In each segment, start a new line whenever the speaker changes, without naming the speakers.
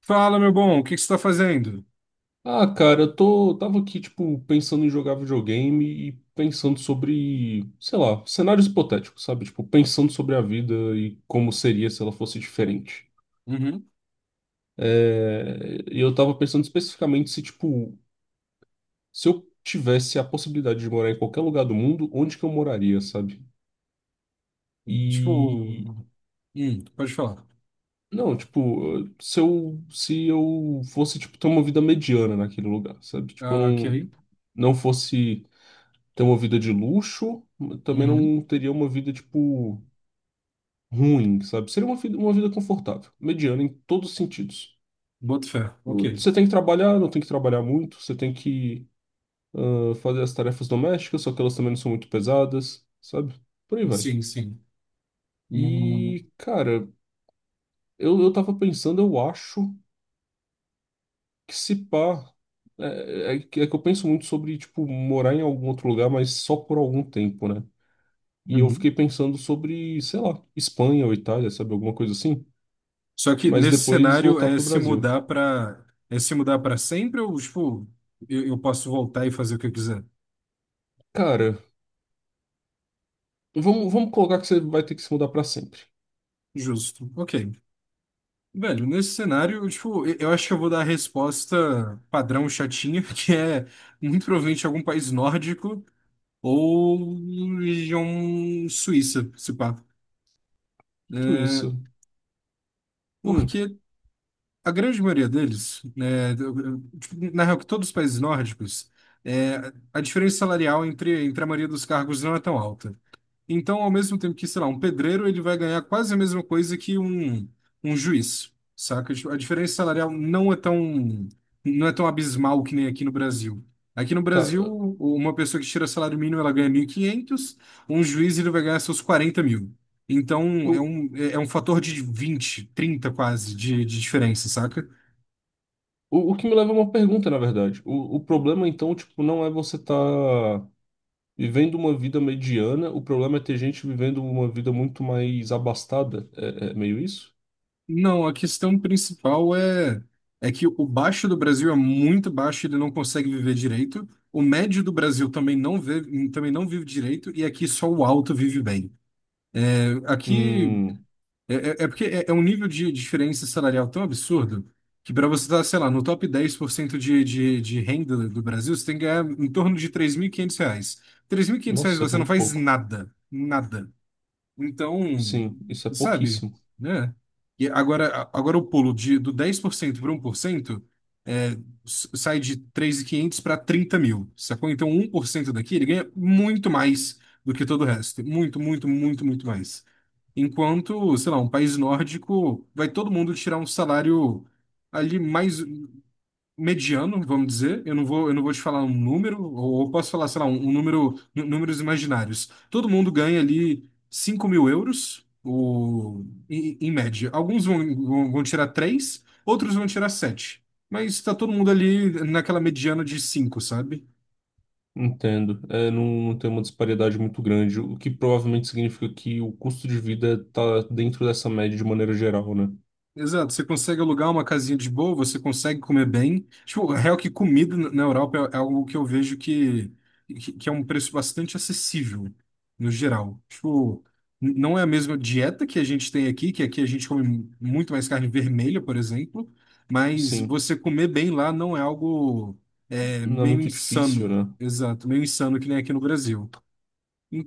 Fala, meu bom, o que que você está fazendo?
Ah, cara, eu tô, tava aqui, tipo, pensando em jogar videogame e pensando sobre, sei lá, cenários hipotéticos, sabe? Tipo, pensando sobre a vida e como seria se ela fosse diferente.
Uhum.
É, e eu tava pensando especificamente se, tipo, se eu tivesse a possibilidade de morar em qualquer lugar do mundo, onde que eu moraria, sabe? E,
Tipo, pode falar.
não, tipo, se eu, se eu fosse, tipo, ter uma vida mediana naquele lugar, sabe? Tipo,
Ah, ok.
não, não fosse ter uma vida de luxo, mas também
Uhum.
não teria uma vida, tipo, ruim, sabe? Seria uma vida confortável, mediana em todos os sentidos.
Boto fé. Ok.
Você tem que trabalhar, não tem que trabalhar muito, você tem que fazer as tarefas domésticas, só que elas também não são muito pesadas, sabe? Por aí vai.
Sim, sim. Hum.
E, cara, eu tava pensando, eu acho que se pá. É, é que eu penso muito sobre, tipo, morar em algum outro lugar, mas só por algum tempo, né? E eu
Uhum.
fiquei pensando sobre, sei lá, Espanha ou Itália, sabe? Alguma coisa assim.
Só que
Mas
nesse
depois
cenário
voltar
é
pro
se
Brasil.
mudar para sempre ou tipo, eu posso voltar e fazer o que eu quiser?
Cara, vamos, vamos colocar que você vai ter que se mudar pra sempre.
Justo. Ok. Velho, nesse cenário, eu, tipo, eu acho que eu vou dar a resposta padrão chatinha, que é muito provavelmente algum país nórdico ou região suíça, se pá.
Tudo
É,
isso. Hum,
porque a grande maioria deles, né, tipo, na real, que todos os países nórdicos, é, a diferença salarial entre a maioria dos cargos não é tão alta. Então, ao mesmo tempo que, sei lá, um pedreiro, ele vai ganhar quase a mesma coisa que um juiz, saca? Tipo, a diferença salarial não é tão abismal que nem aqui no Brasil. Aqui no
tá.
Brasil, uma pessoa que tira salário mínimo, ela ganha 1.500. Um juiz, ele vai ganhar seus 40.000. Então,
O,
um fator de 20 30 quase, de diferença, saca?
o que me leva a uma pergunta, na verdade. O problema, então, tipo, não é você tá vivendo uma vida mediana. O problema é ter gente vivendo uma vida muito mais abastada. É, é meio isso?
Não, a questão principal é que o baixo do Brasil é muito baixo, ele não consegue viver direito. O médio do Brasil também não vive direito, e aqui só o alto vive bem. Aqui
Hum,
é um nível de diferença salarial tão absurdo que para você estar, sei lá, no top 10% de renda do Brasil, você tem que ganhar em torno de 3.500 reais. 3.500 reais
nossa, é
você não
muito
faz
pouco.
nada, nada. Então,
Sim, isso é
sabe,
pouquíssimo.
né? E agora o pulo do 10% para 1% é, sai de 3.500 para 30.000, sacou? Então, 1% daqui ele ganha muito mais do que todo o resto. Muito, muito, muito, muito mais. Enquanto, sei lá, um país nórdico vai todo mundo tirar um salário ali mais mediano, vamos dizer. Eu não vou te falar um número, ou eu posso falar, sei lá, um número, números imaginários. Todo mundo ganha ali 5.000 euros, ou, em média. Alguns vão tirar três, outros vão tirar sete. Mas está todo mundo ali naquela mediana de cinco, sabe?
Entendo. É, não, não tem uma disparidade muito grande, o que provavelmente significa que o custo de vida está dentro dessa média de maneira geral, né?
Exato, você consegue alugar uma casinha de boa, você consegue comer bem. Tipo, real que comida na Europa é algo que eu vejo que é um preço bastante acessível, no geral. Tipo, não é a mesma dieta que a gente tem aqui, que aqui a gente come muito mais carne vermelha, por exemplo, mas
Sim,
você comer bem lá não é algo
não é
meio
muito difícil,
insano.
né?
Exato, meio insano que nem aqui no Brasil.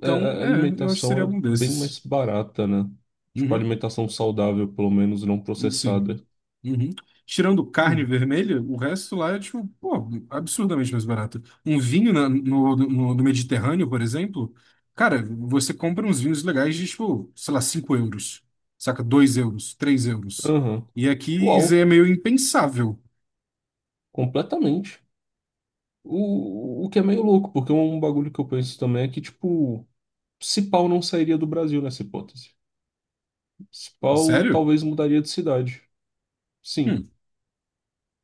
É, a
eu acho que seria
alimentação é
algum
bem mais
desses.
barata, né? Tipo, a
Uhum,
alimentação saudável, pelo menos, não
sim.
processada.
Uhum. Tirando carne
Hum,
vermelha, o resto lá é, tipo, pô, absurdamente mais barato. Um vinho no Mediterrâneo, por exemplo, cara, você compra uns vinhos legais de, tipo, sei lá, 5 euros, saca? 2 euros, 3 euros.
aham.
E aqui isso aí é
Uau,
meio impensável.
completamente. O que é meio louco, porque um bagulho que eu penso também é que, tipo, se pau não sairia do Brasil nessa hipótese. Se pau
Sério?
talvez mudaria de cidade. Sim.
Hum,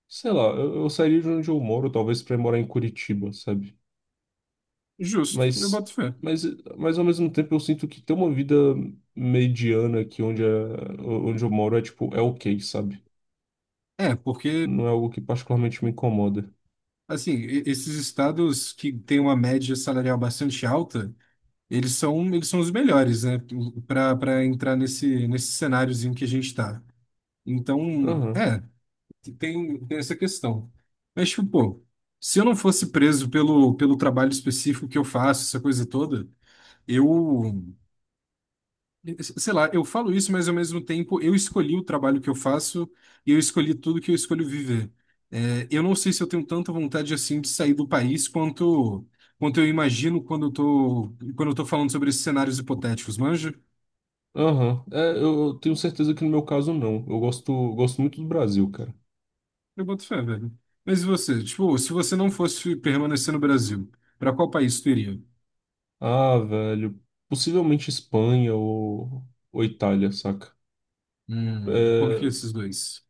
Sei lá, eu sairia de onde eu moro, talvez pra ir morar em Curitiba, sabe?
justo, eu
Mas,
boto fé.
mas, mas ao mesmo tempo eu sinto que ter uma vida mediana aqui onde, é, onde eu moro é tipo, é ok, sabe?
É, porque,
Não é algo que particularmente me incomoda.
assim, esses estados que têm uma média salarial bastante alta, eles são os melhores, né? Para para entrar nesse cenáriozinho que a gente está. Então,
Aham,
é, tem essa questão. Mas, tipo, pô, se eu não fosse preso pelo trabalho específico que eu faço, essa coisa toda, eu, sei lá, eu falo isso, mas ao mesmo tempo eu escolhi o trabalho que eu faço e eu escolhi tudo que eu escolho viver. É, eu não sei se eu tenho tanta vontade assim de sair do país quanto eu imagino quando eu tô falando sobre esses cenários hipotéticos, manja?
aham. É, eu tenho certeza que no meu caso não. Eu gosto, gosto muito do Brasil, cara.
Eu boto fé, velho. Mas e você? Tipo, se você não fosse permanecer no Brasil, pra qual país tu iria?
Ah, velho, possivelmente Espanha ou Itália, saca?
Por que
É,
esses dois?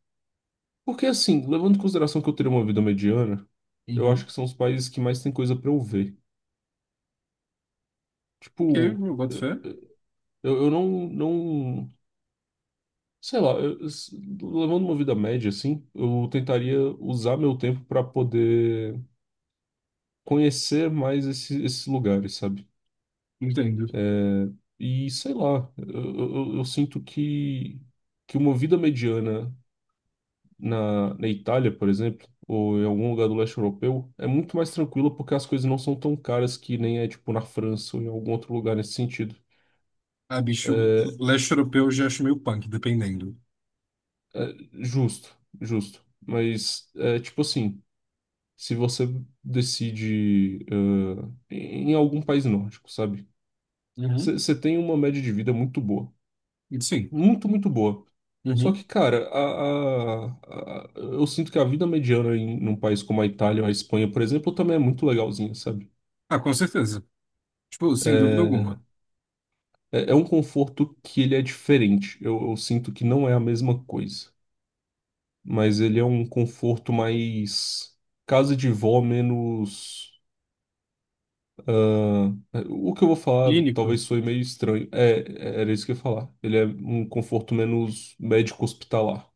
porque assim, levando em consideração que eu teria uma vida mediana, eu acho
Uhum.
que são os países que mais tem coisa pra eu ver.
Ok,
Tipo,
eu boto
eh,
fé.
eh, eu não, não, sei lá, levando uma vida média assim, eu tentaria usar meu tempo pra poder conhecer mais esses lugares, sabe?
Entendo.
É, e sei lá, eu, eu sinto que uma vida mediana na, na Itália, por exemplo, ou em algum lugar do leste europeu, é muito mais tranquilo porque as coisas não são tão caras que nem é tipo na França ou em algum outro lugar nesse sentido.
Ah, bicho,
É,
leste europeu eu já acho meio punk, dependendo.
é justo, justo. Mas é tipo assim, se você decide é, em algum país nórdico, sabe?
Uhum.
Você tem uma média de vida muito boa.
Sim.
Muito, muito boa. Só
Uhum.
que, cara, eu sinto que a vida mediana em um país como a Itália ou a Espanha, por exemplo, também é muito legalzinha, sabe?
Ah, com certeza. Tipo, sem dúvida
É,
alguma.
é é um conforto que ele é diferente. Eu sinto que não é a mesma coisa, mas ele é um conforto mais casa de vó, menos. ah, o que eu vou falar
Clínico.
talvez soe meio estranho. É, era isso que eu ia falar. Ele é um conforto menos médico hospitalar,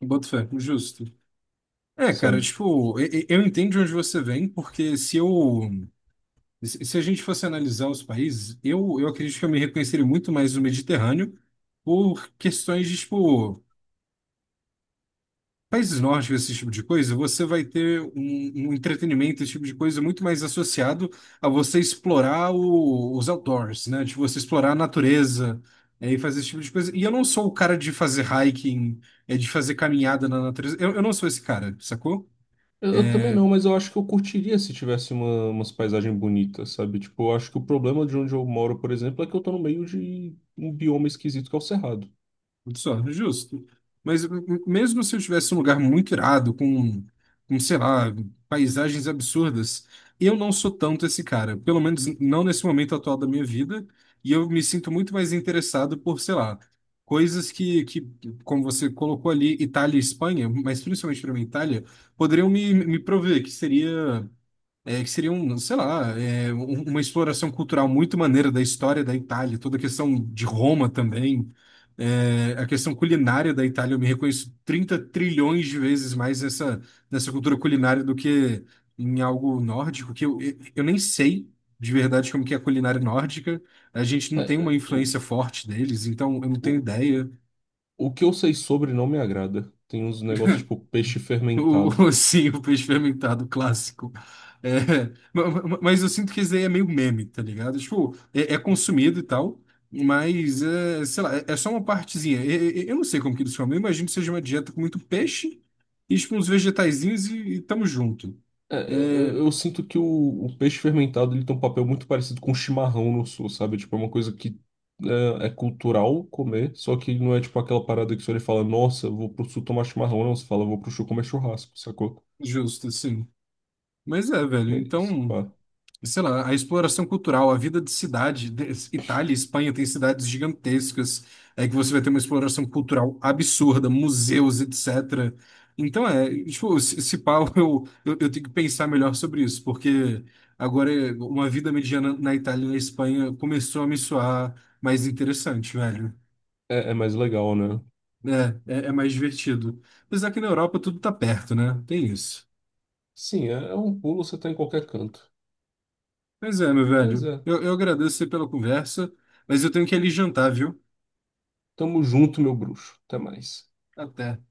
Eu boto fé, justo. É, cara,
sabe?
tipo, eu entendo de onde você vem. Porque se eu E se a gente fosse analisar os países, eu acredito que eu me reconheceria muito mais no Mediterrâneo por questões de, tipo, países nórdicos, esse tipo de coisa, você vai ter um entretenimento, esse tipo de coisa, muito mais associado a você explorar os outdoors, né? De você explorar a natureza, e fazer esse tipo de coisa. E eu não sou o cara de fazer hiking, de fazer caminhada na natureza. Eu não sou esse cara, sacou?
Eu também
É,
não, mas eu acho que eu curtiria se tivesse uma, umas paisagens bonitas, sabe? Tipo, eu acho que o problema de onde eu moro, por exemplo, é que eu tô no meio de um bioma esquisito que é o Cerrado.
só, justo. Mas mesmo se eu tivesse um lugar muito irado, com, sei lá, paisagens absurdas, eu não sou tanto esse cara. Pelo menos não nesse momento atual da minha vida. E eu me sinto muito mais interessado por, sei lá, coisas que como você colocou ali, Itália e Espanha, mas principalmente para mim, Itália, poderiam me prover, que seria. É, que seria um, sei lá, uma exploração cultural muito maneira da história da Itália, toda a questão de Roma também. É, a questão culinária da Itália, eu me reconheço 30 trilhões de vezes mais nessa cultura culinária do que em algo nórdico, que eu nem sei de verdade como que é a culinária nórdica, a gente não
É,
tem uma
o-
influência forte deles, então eu não tenho
o-
ideia.
O que eu sei sobre não me agrada. Tem uns negócios tipo peixe fermentado.
Sim, o peixe fermentado clássico. É, mas eu sinto que isso daí é meio meme, tá ligado? Tipo, é consumido e tal, mas, sei lá, é só uma partezinha. Eu, não sei como que eles chamam, eu imagino que seja uma dieta com muito peixe e, tipo, uns vegetaizinhos e tamo junto.
É,
É,
eu sinto que o peixe fermentado ele tem um papel muito parecido com chimarrão no sul, sabe? Tipo, é uma coisa que é, é cultural comer, só que não é tipo aquela parada que você olha e fala, nossa, eu vou pro sul tomar chimarrão, não. Você fala, vou pro sul comer churrasco, sacou?
justo, assim. Mas é, velho,
É, isso,
então.
pá.
Sei lá, a exploração cultural, a vida de cidade, Itália e Espanha tem cidades gigantescas, é que você vai ter uma exploração cultural absurda, museus, etc. Então é, tipo, se pá, eu tenho que pensar melhor sobre isso, porque agora uma vida mediana na Itália e na Espanha começou a me soar mais interessante, velho.
É é mais legal, né?
É mais divertido. Apesar que na Europa tudo tá perto, né? Tem isso.
Sim, é, é um pulo, você tá em qualquer canto.
Mas é, meu
Mas
velho,
é.
eu agradeço aí pela conversa, mas eu tenho que ir ali jantar, viu?
Tamo junto, meu bruxo. Até mais.
Até.